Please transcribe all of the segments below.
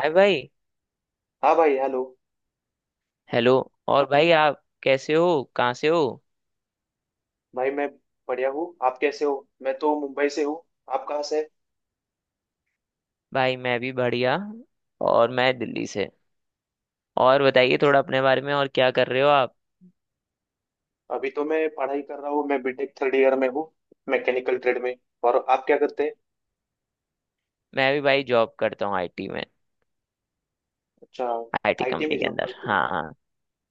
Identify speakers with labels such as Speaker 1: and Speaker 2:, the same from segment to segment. Speaker 1: हाय भाई।
Speaker 2: हाँ भाई, हेलो।
Speaker 1: हेलो। और भाई आप कैसे हो, कहाँ से हो?
Speaker 2: भाई मैं बढ़िया हूँ, आप कैसे हो? मैं तो मुंबई से हूँ, आप कहाँ से?
Speaker 1: भाई मैं भी बढ़िया, और मैं दिल्ली से। और बताइए थोड़ा अपने बारे में, और क्या कर रहे हो आप?
Speaker 2: अभी तो मैं पढ़ाई कर रहा हूँ, मैं बीटेक थर्ड ईयर में हूँ, मैकेनिकल ट्रेड में। और आप क्या करते हैं?
Speaker 1: मैं भी भाई जॉब करता हूँ, आईटी में।
Speaker 2: अच्छा,
Speaker 1: आईटी
Speaker 2: आईटी
Speaker 1: कंपनी
Speaker 2: में
Speaker 1: के
Speaker 2: जॉब
Speaker 1: अंदर,
Speaker 2: करते हैं
Speaker 1: हाँ
Speaker 2: क्या?
Speaker 1: हाँ।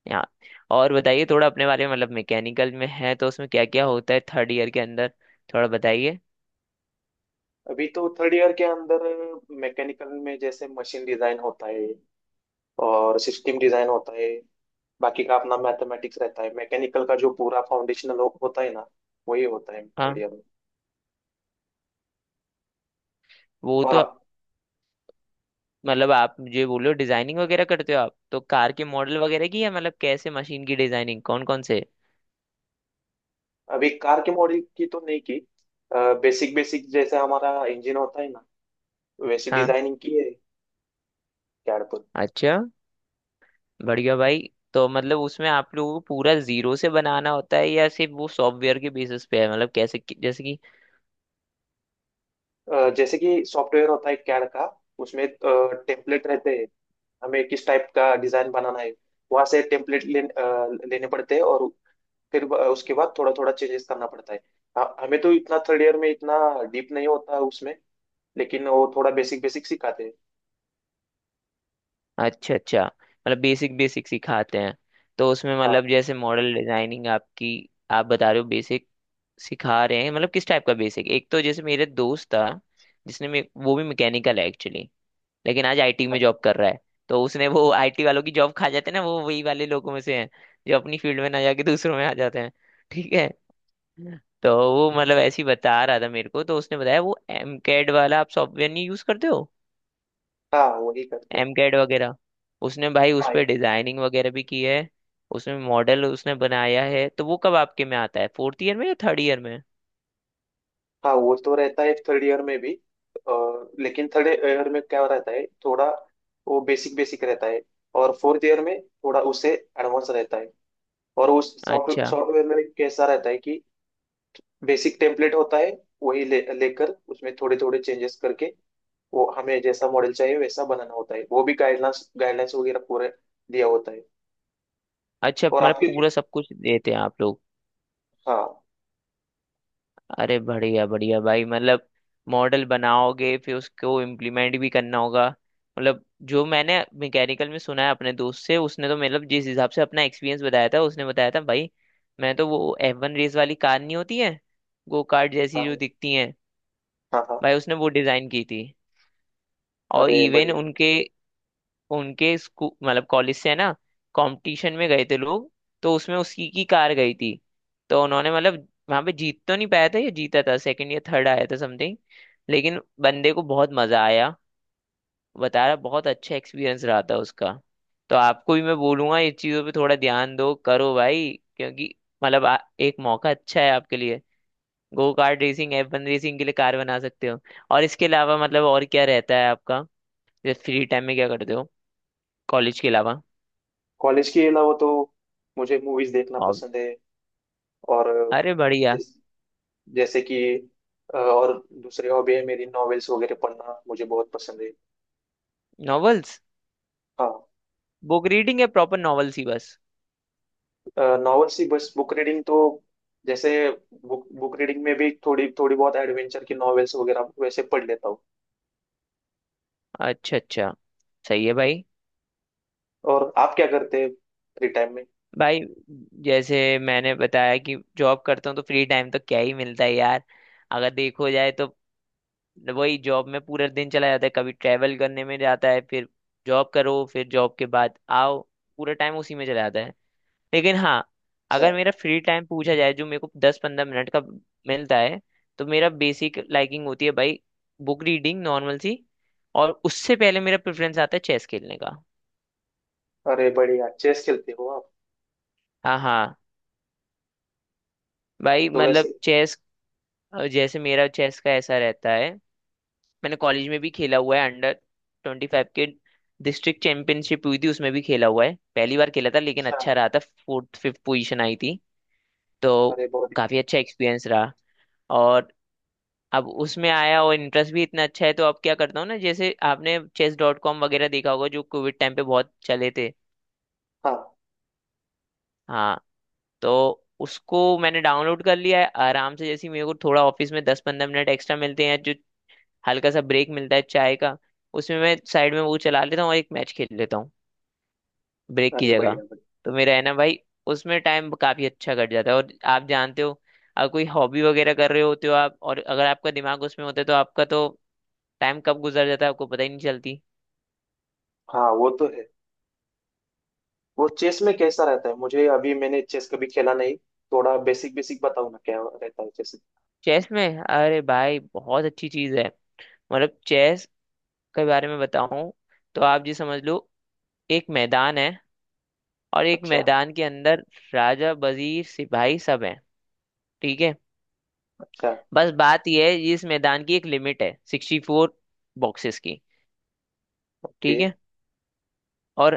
Speaker 1: यहाँ। और बताइए थोड़ा अपने बारे में, मतलब मैकेनिकल में है तो उसमें क्या क्या होता है थर्ड ईयर के अंदर, थोड़ा बताइए।
Speaker 2: अभी तो थर्ड ईयर के अंदर मैकेनिकल में जैसे मशीन डिजाइन होता है और सिस्टम डिजाइन होता है। बाकी का अपना मैथमेटिक्स रहता है, मैकेनिकल का जो पूरा फाउंडेशनल होता है ना, वही होता है थर्ड
Speaker 1: हाँ,
Speaker 2: ईयर में।
Speaker 1: वो
Speaker 2: और
Speaker 1: तो मतलब आप मुझे बोलो, डिजाइनिंग वगैरह करते हो आप तो कार के मॉडल वगैरह की, या मतलब कैसे मशीन की डिजाइनिंग, कौन कौन से?
Speaker 2: अभी कार के मॉडल की तो नहीं की। बेसिक बेसिक, जैसे हमारा इंजन होता है ना, वैसी
Speaker 1: हाँ।
Speaker 2: डिजाइनिंग की है, कैड पर।
Speaker 1: अच्छा, बढ़िया भाई। तो मतलब उसमें आप लोगों को पूरा जीरो से बनाना होता है या सिर्फ वो सॉफ्टवेयर के बेसिस पे है, मतलब कैसे जैसे कि।
Speaker 2: जैसे कि सॉफ्टवेयर होता है कैड का, उसमें टेम्पलेट रहते हैं। हमें किस टाइप का डिजाइन बनाना है, वहां से टेम्पलेट लेने पड़ते हैं, और फिर उसके बाद थोड़ा थोड़ा चेंजेस करना पड़ता है। हमें तो इतना थर्ड ईयर में इतना डीप नहीं होता है उसमें, लेकिन वो थोड़ा बेसिक बेसिक सिखाते हैं।
Speaker 1: अच्छा अच्छा, मतलब बेसिक बेसिक सिखाते हैं। तो उसमें मतलब
Speaker 2: हाँ।
Speaker 1: जैसे मॉडल डिजाइनिंग आपकी, आप बता रहे हो बेसिक सिखा रहे हैं, मतलब किस टाइप का बेसिक? एक तो जैसे मेरे दोस्त था, वो भी मैकेनिकल है एक्चुअली, लेकिन आज आईटी में
Speaker 2: हाँ,
Speaker 1: जॉब कर रहा है। तो उसने, वो आईटी वालों की जॉब खा जाते हैं ना, वो वही वाले लोगों में से हैं जो अपनी फील्ड में ना जाके दूसरों में आ जाते हैं। ठीक है। तो वो मतलब ऐसे ही बता रहा था मेरे को, तो उसने बताया वो एम कैड वाला आप सॉफ्टवेयर नहीं यूज करते हो,
Speaker 2: हाँ, वही करते हैं।
Speaker 1: एम कैड वगैरह? उसने भाई उस
Speaker 2: हाँ,
Speaker 1: पर
Speaker 2: okay।
Speaker 1: डिजाइनिंग वगैरह भी की है, उसमें मॉडल उसने बनाया है। तो वो कब आपके में आता है, फोर्थ ईयर में या थर्ड ईयर में?
Speaker 2: हाँ, वो तो रहता है थर्ड ईयर में भी। अ, लेकिन थर्ड ईयर में क्या रहता है, थोड़ा वो बेसिक बेसिक रहता है। और फोर्थ ईयर में थोड़ा उससे एडवांस रहता है। और उस सॉफ्टवेयर
Speaker 1: अच्छा
Speaker 2: सॉफ्टवेयर में कैसा रहता है कि बेसिक टेम्पलेट होता है। वही ले लेकर उसमें थोड़े थोड़े चेंजेस करके वो हमें जैसा मॉडल चाहिए वैसा बनाना होता है। वो भी गाइडलाइंस गाइडलाइंस वगैरह पूरे दिया होता है।
Speaker 1: अच्छा,
Speaker 2: और
Speaker 1: मतलब
Speaker 2: आपके?
Speaker 1: पूरा सब कुछ देते हैं आप लोग।
Speaker 2: हाँ।
Speaker 1: अरे बढ़िया बढ़िया भाई। मतलब मॉडल बनाओगे, फिर उसको इम्प्लीमेंट भी करना होगा। मतलब जो मैंने मैकेनिकल में सुना है अपने दोस्त से, उसने तो मतलब जिस हिसाब से अपना एक्सपीरियंस बताया था, उसने बताया था भाई। मैं तो, वो F1 रेस वाली कार नहीं होती है, गो कार्ट जैसी जो
Speaker 2: हाँ।
Speaker 1: दिखती हैं,
Speaker 2: हाँ। हाँ।
Speaker 1: भाई उसने वो डिजाइन की थी। और
Speaker 2: अरे
Speaker 1: इवन
Speaker 2: बढ़िया।
Speaker 1: उनके, उनके स्कूल मतलब कॉलेज से है ना, कंपटीशन में गए थे लोग। तो उसमें उसकी की कार गई थी। तो उन्होंने मतलब वहां पे जीत तो नहीं पाया था, या जीता था, सेकंड या थर्ड आया था समथिंग। लेकिन बंदे को बहुत मजा आया, बता रहा बहुत अच्छा एक्सपीरियंस रहा था उसका। तो आपको भी मैं बोलूंगा, इस चीजों पे थोड़ा ध्यान दो करो भाई, क्योंकि मतलब एक मौका अच्छा है आपके लिए। Go kart racing, F1 racing के लिए कार बना सकते हो। और इसके अलावा मतलब और क्या रहता है आपका, जैसे फ्री टाइम में क्या करते हो कॉलेज के अलावा?
Speaker 2: कॉलेज के अलावा तो मुझे मूवीज देखना पसंद है। और
Speaker 1: अरे बढ़िया।
Speaker 2: जैसे कि और दूसरी हॉबी है मेरी, नॉवेल्स वगैरह पढ़ना मुझे बहुत पसंद है।
Speaker 1: नॉवेल्स,
Speaker 2: हाँ।
Speaker 1: बुक रीडिंग है, प्रॉपर नॉवेल्स ही बस?
Speaker 2: नॉवेल्स ही बस, बुक रीडिंग तो जैसे, बुक बुक रीडिंग में भी थोड़ी थोड़ी बहुत एडवेंचर की नॉवेल्स वगैरह वैसे पढ़ लेता हूँ।
Speaker 1: अच्छा अच्छा, सही है भाई।
Speaker 2: और आप क्या करते हैं फ्री टाइम में?
Speaker 1: भाई, जैसे मैंने बताया कि जॉब करता हूँ तो फ्री टाइम तो क्या ही मिलता है यार, अगर देखो जाए तो। वही जॉब में पूरा दिन चला जाता है, कभी ट्रैवल करने में जाता है, फिर जॉब करो फिर जॉब के बाद आओ, पूरा टाइम उसी में चला जाता है। लेकिन हाँ,
Speaker 2: अच्छा।
Speaker 1: अगर मेरा फ्री टाइम पूछा जाए जो मेरे को 10-15 मिनट का मिलता है, तो मेरा बेसिक लाइकिंग होती है भाई बुक रीडिंग, नॉर्मल सी। और उससे पहले मेरा प्रेफरेंस आता है चेस खेलने का।
Speaker 2: अरे बढ़िया, चेस खेलते हो आप?
Speaker 1: हाँ हाँ भाई,
Speaker 2: तो वैसे।
Speaker 1: मतलब चेस। जैसे मेरा चेस का ऐसा रहता है, मैंने कॉलेज में भी खेला हुआ है, अंडर 25 के डिस्ट्रिक्ट चैंपियनशिप हुई थी उसमें भी खेला हुआ है। पहली बार खेला था लेकिन
Speaker 2: अच्छा।
Speaker 1: अच्छा रहा था, फोर्थ फिफ्थ पोजीशन आई थी। तो
Speaker 2: अरे बहुत ही
Speaker 1: काफी अच्छा एक्सपीरियंस रहा। और अब उसमें आया और इंटरेस्ट भी इतना अच्छा है, तो अब क्या करता हूँ ना, जैसे आपने Chess.com वगैरह देखा होगा जो कोविड टाइम पे बहुत चले थे।
Speaker 2: बढ़िया। हाँ।
Speaker 1: हाँ। तो उसको मैंने डाउनलोड कर लिया है आराम से, जैसे ही मेरे को थोड़ा ऑफिस में 10-15 मिनट एक्स्ट्रा मिलते हैं, जो हल्का सा ब्रेक मिलता है चाय का, उसमें मैं साइड में वो चला लेता हूँ और एक मैच खेल लेता हूँ ब्रेक की
Speaker 2: अरे
Speaker 1: जगह।
Speaker 2: बढ़िया बढ़िया।
Speaker 1: तो मेरा है ना भाई, उसमें टाइम काफी अच्छा कट जाता है। और आप जानते हो, अगर कोई हॉबी वगैरह कर रहे होते हो आप और अगर आपका दिमाग उसमें होता है, तो आपका तो टाइम कब गुजर जाता है आपको पता ही नहीं चलती।
Speaker 2: हाँ, वो तो है। वो चेस में कैसा रहता है, मुझे, अभी मैंने चेस कभी खेला नहीं, थोड़ा बेसिक बेसिक बताओ ना क्या रहता है चेस?
Speaker 1: चेस में, अरे भाई बहुत अच्छी चीज है। मतलब चेस के बारे में बताऊं तो आप जी समझ लो, एक मैदान है और एक
Speaker 2: अच्छा।
Speaker 1: मैदान के अंदर राजा, वजीर, सिपाही सब हैं। ठीक है।
Speaker 2: अच्छा।
Speaker 1: बस बात यह है, इस मैदान की एक लिमिट है, 64 बॉक्सेस की।
Speaker 2: ओके।
Speaker 1: ठीक है। और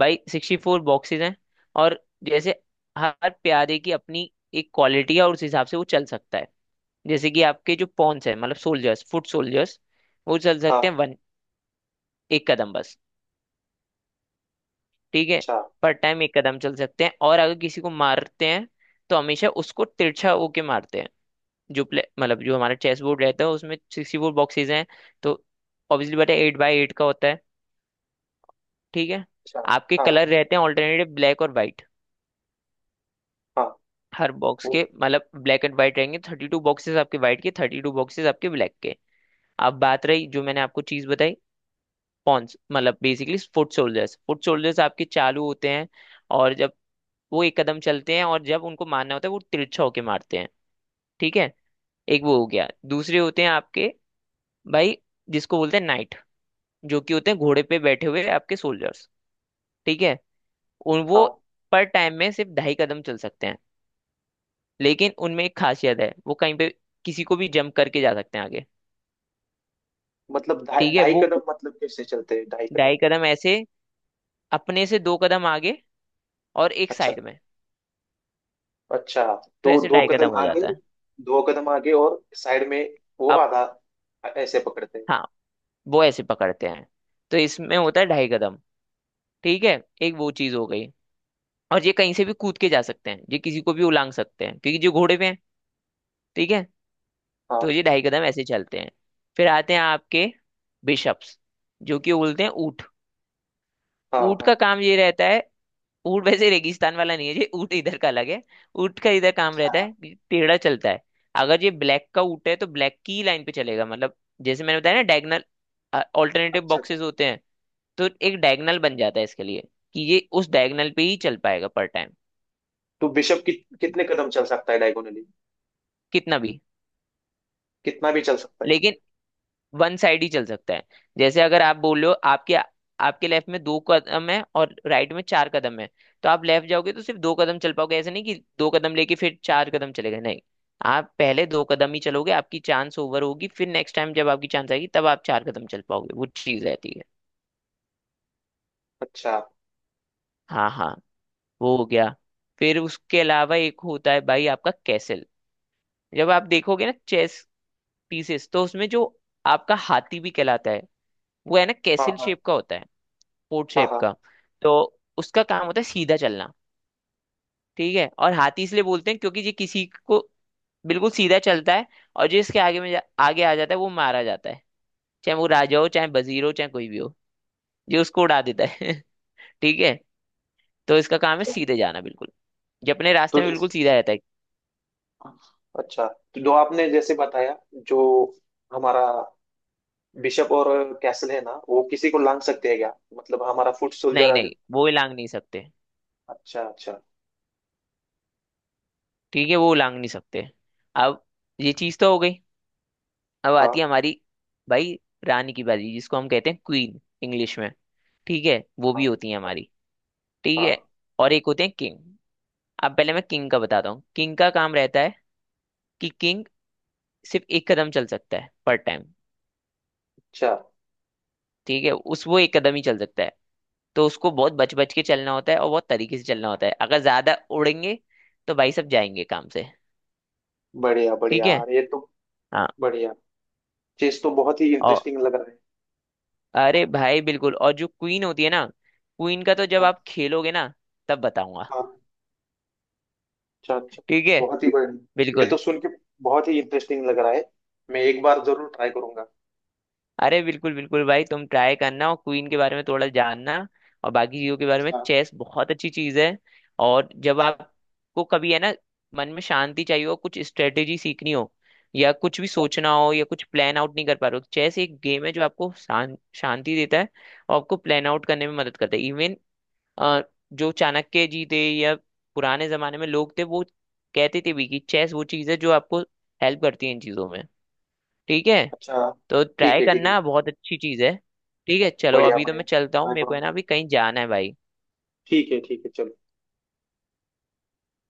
Speaker 1: भाई 64 बॉक्सेस हैं। और जैसे हर प्यादे की अपनी एक क्वालिटी है और उस हिसाब से वो चल सकता है। जैसे कि आपके जो पॉन्स है, मतलब सोल्जर्स, फुट सोल्जर्स, वो चल सकते
Speaker 2: हाँ।
Speaker 1: हैं वन, एक कदम बस। ठीक है।
Speaker 2: अच्छा।
Speaker 1: पर टाइम एक कदम चल सकते हैं, और अगर किसी को मारते हैं तो हमेशा उसको तिरछा होके मारते हैं। जो प्ले मतलब जो हमारा चेस बोर्ड रहता है, उसमें सिक्सटी फोर बॉक्सेज हैं। तो ऑब्वियसली बेटा 8x8 का होता है। ठीक है।
Speaker 2: अच्छा।
Speaker 1: आपके
Speaker 2: हाँ।
Speaker 1: कलर रहते हैं ऑल्टरनेटिव, ब्लैक और वाइट।
Speaker 2: हाँ।
Speaker 1: हर बॉक्स
Speaker 2: वो।
Speaker 1: के, मतलब ब्लैक एंड वाइट रहेंगे, 32 बॉक्सेज आपके वाइट के, 32 बॉक्सेज आपके ब्लैक के। अब बात रही जो मैंने आपको चीज बताई, पॉन्स मतलब basically foot soldiers, foot soldiers आपके चालू होते हैं। और जब वो एक कदम चलते हैं और जब उनको मारना होता है वो तिरछा होके मारते हैं। ठीक है। एक वो हो गया। दूसरे होते हैं आपके भाई जिसको बोलते हैं नाइट, जो कि होते हैं घोड़े पे बैठे हुए आपके सोल्जर्स। ठीक है। उन वो
Speaker 2: हाँ।
Speaker 1: पर टाइम में सिर्फ ढाई कदम चल सकते हैं। लेकिन उनमें एक खासियत है, वो कहीं पे किसी को भी जंप करके जा सकते हैं आगे।
Speaker 2: मतलब ढाई
Speaker 1: ठीक है।
Speaker 2: ढाई
Speaker 1: वो
Speaker 2: कदम, मतलब कैसे चलते हैं ढाई कदम?
Speaker 1: ढाई कदम ऐसे, अपने से दो कदम आगे और एक
Speaker 2: अच्छा।
Speaker 1: साइड में,
Speaker 2: अच्छा,
Speaker 1: तो
Speaker 2: तो
Speaker 1: ऐसे
Speaker 2: दो
Speaker 1: ढाई
Speaker 2: कदम
Speaker 1: कदम हो
Speaker 2: आगे।
Speaker 1: जाता है।
Speaker 2: दो कदम आगे और साइड में, वो
Speaker 1: अब
Speaker 2: आधा, ऐसे पकड़ते हैं।
Speaker 1: हाँ, वो ऐसे पकड़ते हैं। तो इसमें होता है ढाई कदम। ठीक है। एक वो चीज हो गई। और ये कहीं से भी कूद के जा सकते हैं, ये किसी को भी उलांग सकते हैं क्योंकि जो घोड़े पे हैं। ठीक है।
Speaker 2: हाँ।
Speaker 1: तो ये ढाई कदम ऐसे चलते हैं। फिर आते हैं आपके बिशप्स, जो कि बोलते हैं ऊँट।
Speaker 2: हाँ।
Speaker 1: ऊँट का
Speaker 2: हाँ।
Speaker 1: काम ये रहता है, ऊँट वैसे रेगिस्तान वाला नहीं है, ये ऊँट इधर का अलग है। ऊँट का इधर काम
Speaker 2: अच्छा।
Speaker 1: रहता है कि टेढ़ा चलता है। अगर ये ब्लैक का ऊँट है तो ब्लैक की लाइन पे चलेगा, मतलब जैसे मैंने बताया ना, डायगनल ऑल्टरनेटिव
Speaker 2: अच्छा। अच्छा।
Speaker 1: बॉक्सेस होते हैं। तो एक डायगनल बन जाता है इसके लिए कि ये उस डायगनल पे ही चल पाएगा पर टाइम।
Speaker 2: तो बिशप कितने कदम चल सकता है डायगोनली?
Speaker 1: कितना भी,
Speaker 2: कितना भी चल सकता है?
Speaker 1: लेकिन वन साइड ही चल सकता है। जैसे अगर आप बोल रहे हो आपके, आपके लेफ्ट में दो कदम है और राइट में चार कदम है, तो आप लेफ्ट जाओगे तो सिर्फ दो कदम चल पाओगे। ऐसे नहीं कि दो कदम लेके फिर चार कदम चले गए, नहीं। आप पहले दो कदम ही चलोगे, आपकी चांस ओवर होगी, फिर नेक्स्ट टाइम जब आपकी चांस आएगी तब आप चार कदम चल पाओगे, वो चीज रहती है।
Speaker 2: अच्छा।
Speaker 1: हाँ हाँ। वो हो गया। फिर उसके अलावा एक होता है भाई आपका कैसल। जब आप देखोगे ना चेस पीसेस, तो उसमें जो आपका हाथी भी कहलाता है, वो है ना
Speaker 2: हाँ।
Speaker 1: कैसल
Speaker 2: हाँ।
Speaker 1: शेप का होता है, पोर्ट
Speaker 2: हाँ।
Speaker 1: शेप
Speaker 2: हाँ।
Speaker 1: का। तो उसका काम होता है सीधा चलना। ठीक है। और हाथी इसलिए बोलते हैं क्योंकि ये किसी को बिल्कुल सीधा चलता है, और जिसके आगे में आगे आ जाता है वो मारा जाता है। चाहे वो राजा हो, चाहे वजीर हो, चाहे कोई भी हो, ये उसको उड़ा देता है ठीक है। तो इसका काम है
Speaker 2: अच्छा।
Speaker 1: सीधे जाना बिल्कुल। ये अपने रास्ते
Speaker 2: तो
Speaker 1: में
Speaker 2: जैसे,
Speaker 1: बिल्कुल सीधा रहता है।
Speaker 2: अच्छा, तो जो आपने जैसे बताया, जो हमारा बिशप और कैसल है ना, वो किसी को लांग सकते हैं क्या? मतलब हमारा फुट
Speaker 1: नहीं
Speaker 2: सोल्जर।
Speaker 1: नहीं, वो लांग नहीं सकते।
Speaker 2: अच्छा, अच्छा।
Speaker 1: ठीक है, वो लांग नहीं सकते। अब ये चीज तो हो गई। अब
Speaker 2: हाँ।
Speaker 1: आती है हमारी भाई रानी की बारी, जिसको हम कहते हैं क्वीन इंग्लिश में। ठीक है, वो भी
Speaker 2: हाँ।
Speaker 1: होती है हमारी। ठीक है।
Speaker 2: हाँ।
Speaker 1: और एक होते हैं किंग। अब पहले मैं किंग का बताता हूँ, किंग का काम रहता है कि किंग सिर्फ एक कदम चल सकता है पर टाइम।
Speaker 2: अच्छा।
Speaker 1: ठीक है। उस वो एक कदम ही चल सकता है। तो उसको बहुत बच बच के चलना होता है और बहुत तरीके से चलना होता है, अगर ज्यादा उड़ेंगे तो भाई सब जाएंगे काम से।
Speaker 2: बढ़िया बढ़िया
Speaker 1: ठीक है।
Speaker 2: यार, ये तो
Speaker 1: हाँ।
Speaker 2: बढ़िया चीज तो, बहुत ही
Speaker 1: और
Speaker 2: इंटरेस्टिंग लग रहा है।
Speaker 1: अरे भाई बिल्कुल। और जो क्वीन होती है ना, क्वीन का तो जब
Speaker 2: हाँ।
Speaker 1: आप खेलोगे ना तब बताऊंगा।
Speaker 2: हाँ। अच्छा, अच्छा।
Speaker 1: ठीक है,
Speaker 2: बहुत ही बढ़िया, ये
Speaker 1: बिल्कुल।
Speaker 2: तो सुन के बहुत ही इंटरेस्टिंग लग रहा है। मैं एक बार जरूर ट्राई करूंगा।
Speaker 1: अरे बिल्कुल बिल्कुल भाई, तुम ट्राई करना और क्वीन के बारे में थोड़ा जानना। और बाकी चीजों के बारे में,
Speaker 2: अच्छा।
Speaker 1: चेस बहुत अच्छी चीज है। और जब
Speaker 2: अच्छा।
Speaker 1: आपको कभी है ना मन में शांति चाहिए हो, कुछ स्ट्रेटेजी सीखनी हो या कुछ भी
Speaker 2: अच्छा।
Speaker 1: सोचना हो, या कुछ प्लान आउट नहीं कर पा रहे हो, चेस एक गेम है जो आपको शांति देता है। और आपको प्लान आउट करने में मदद करता है इवन। जो चाणक्य जी थे या पुराने जमाने में लोग थे, वो कहते थे भी कि चेस वो चीज है जो आपको हेल्प करती है इन चीजों में। ठीक है।
Speaker 2: अच्छा।
Speaker 1: तो
Speaker 2: ठीक
Speaker 1: ट्राई
Speaker 2: है, ठीक है।
Speaker 1: करना, बहुत अच्छी चीज है। ठीक है चलो,
Speaker 2: बढ़िया
Speaker 1: अभी तो
Speaker 2: बढ़िया,
Speaker 1: मैं चलता हूँ,
Speaker 2: ट्राई
Speaker 1: मेरे को है
Speaker 2: करूंगा।
Speaker 1: ना अभी कहीं जाना है भाई।
Speaker 2: ठीक है, ठीक है, चलो।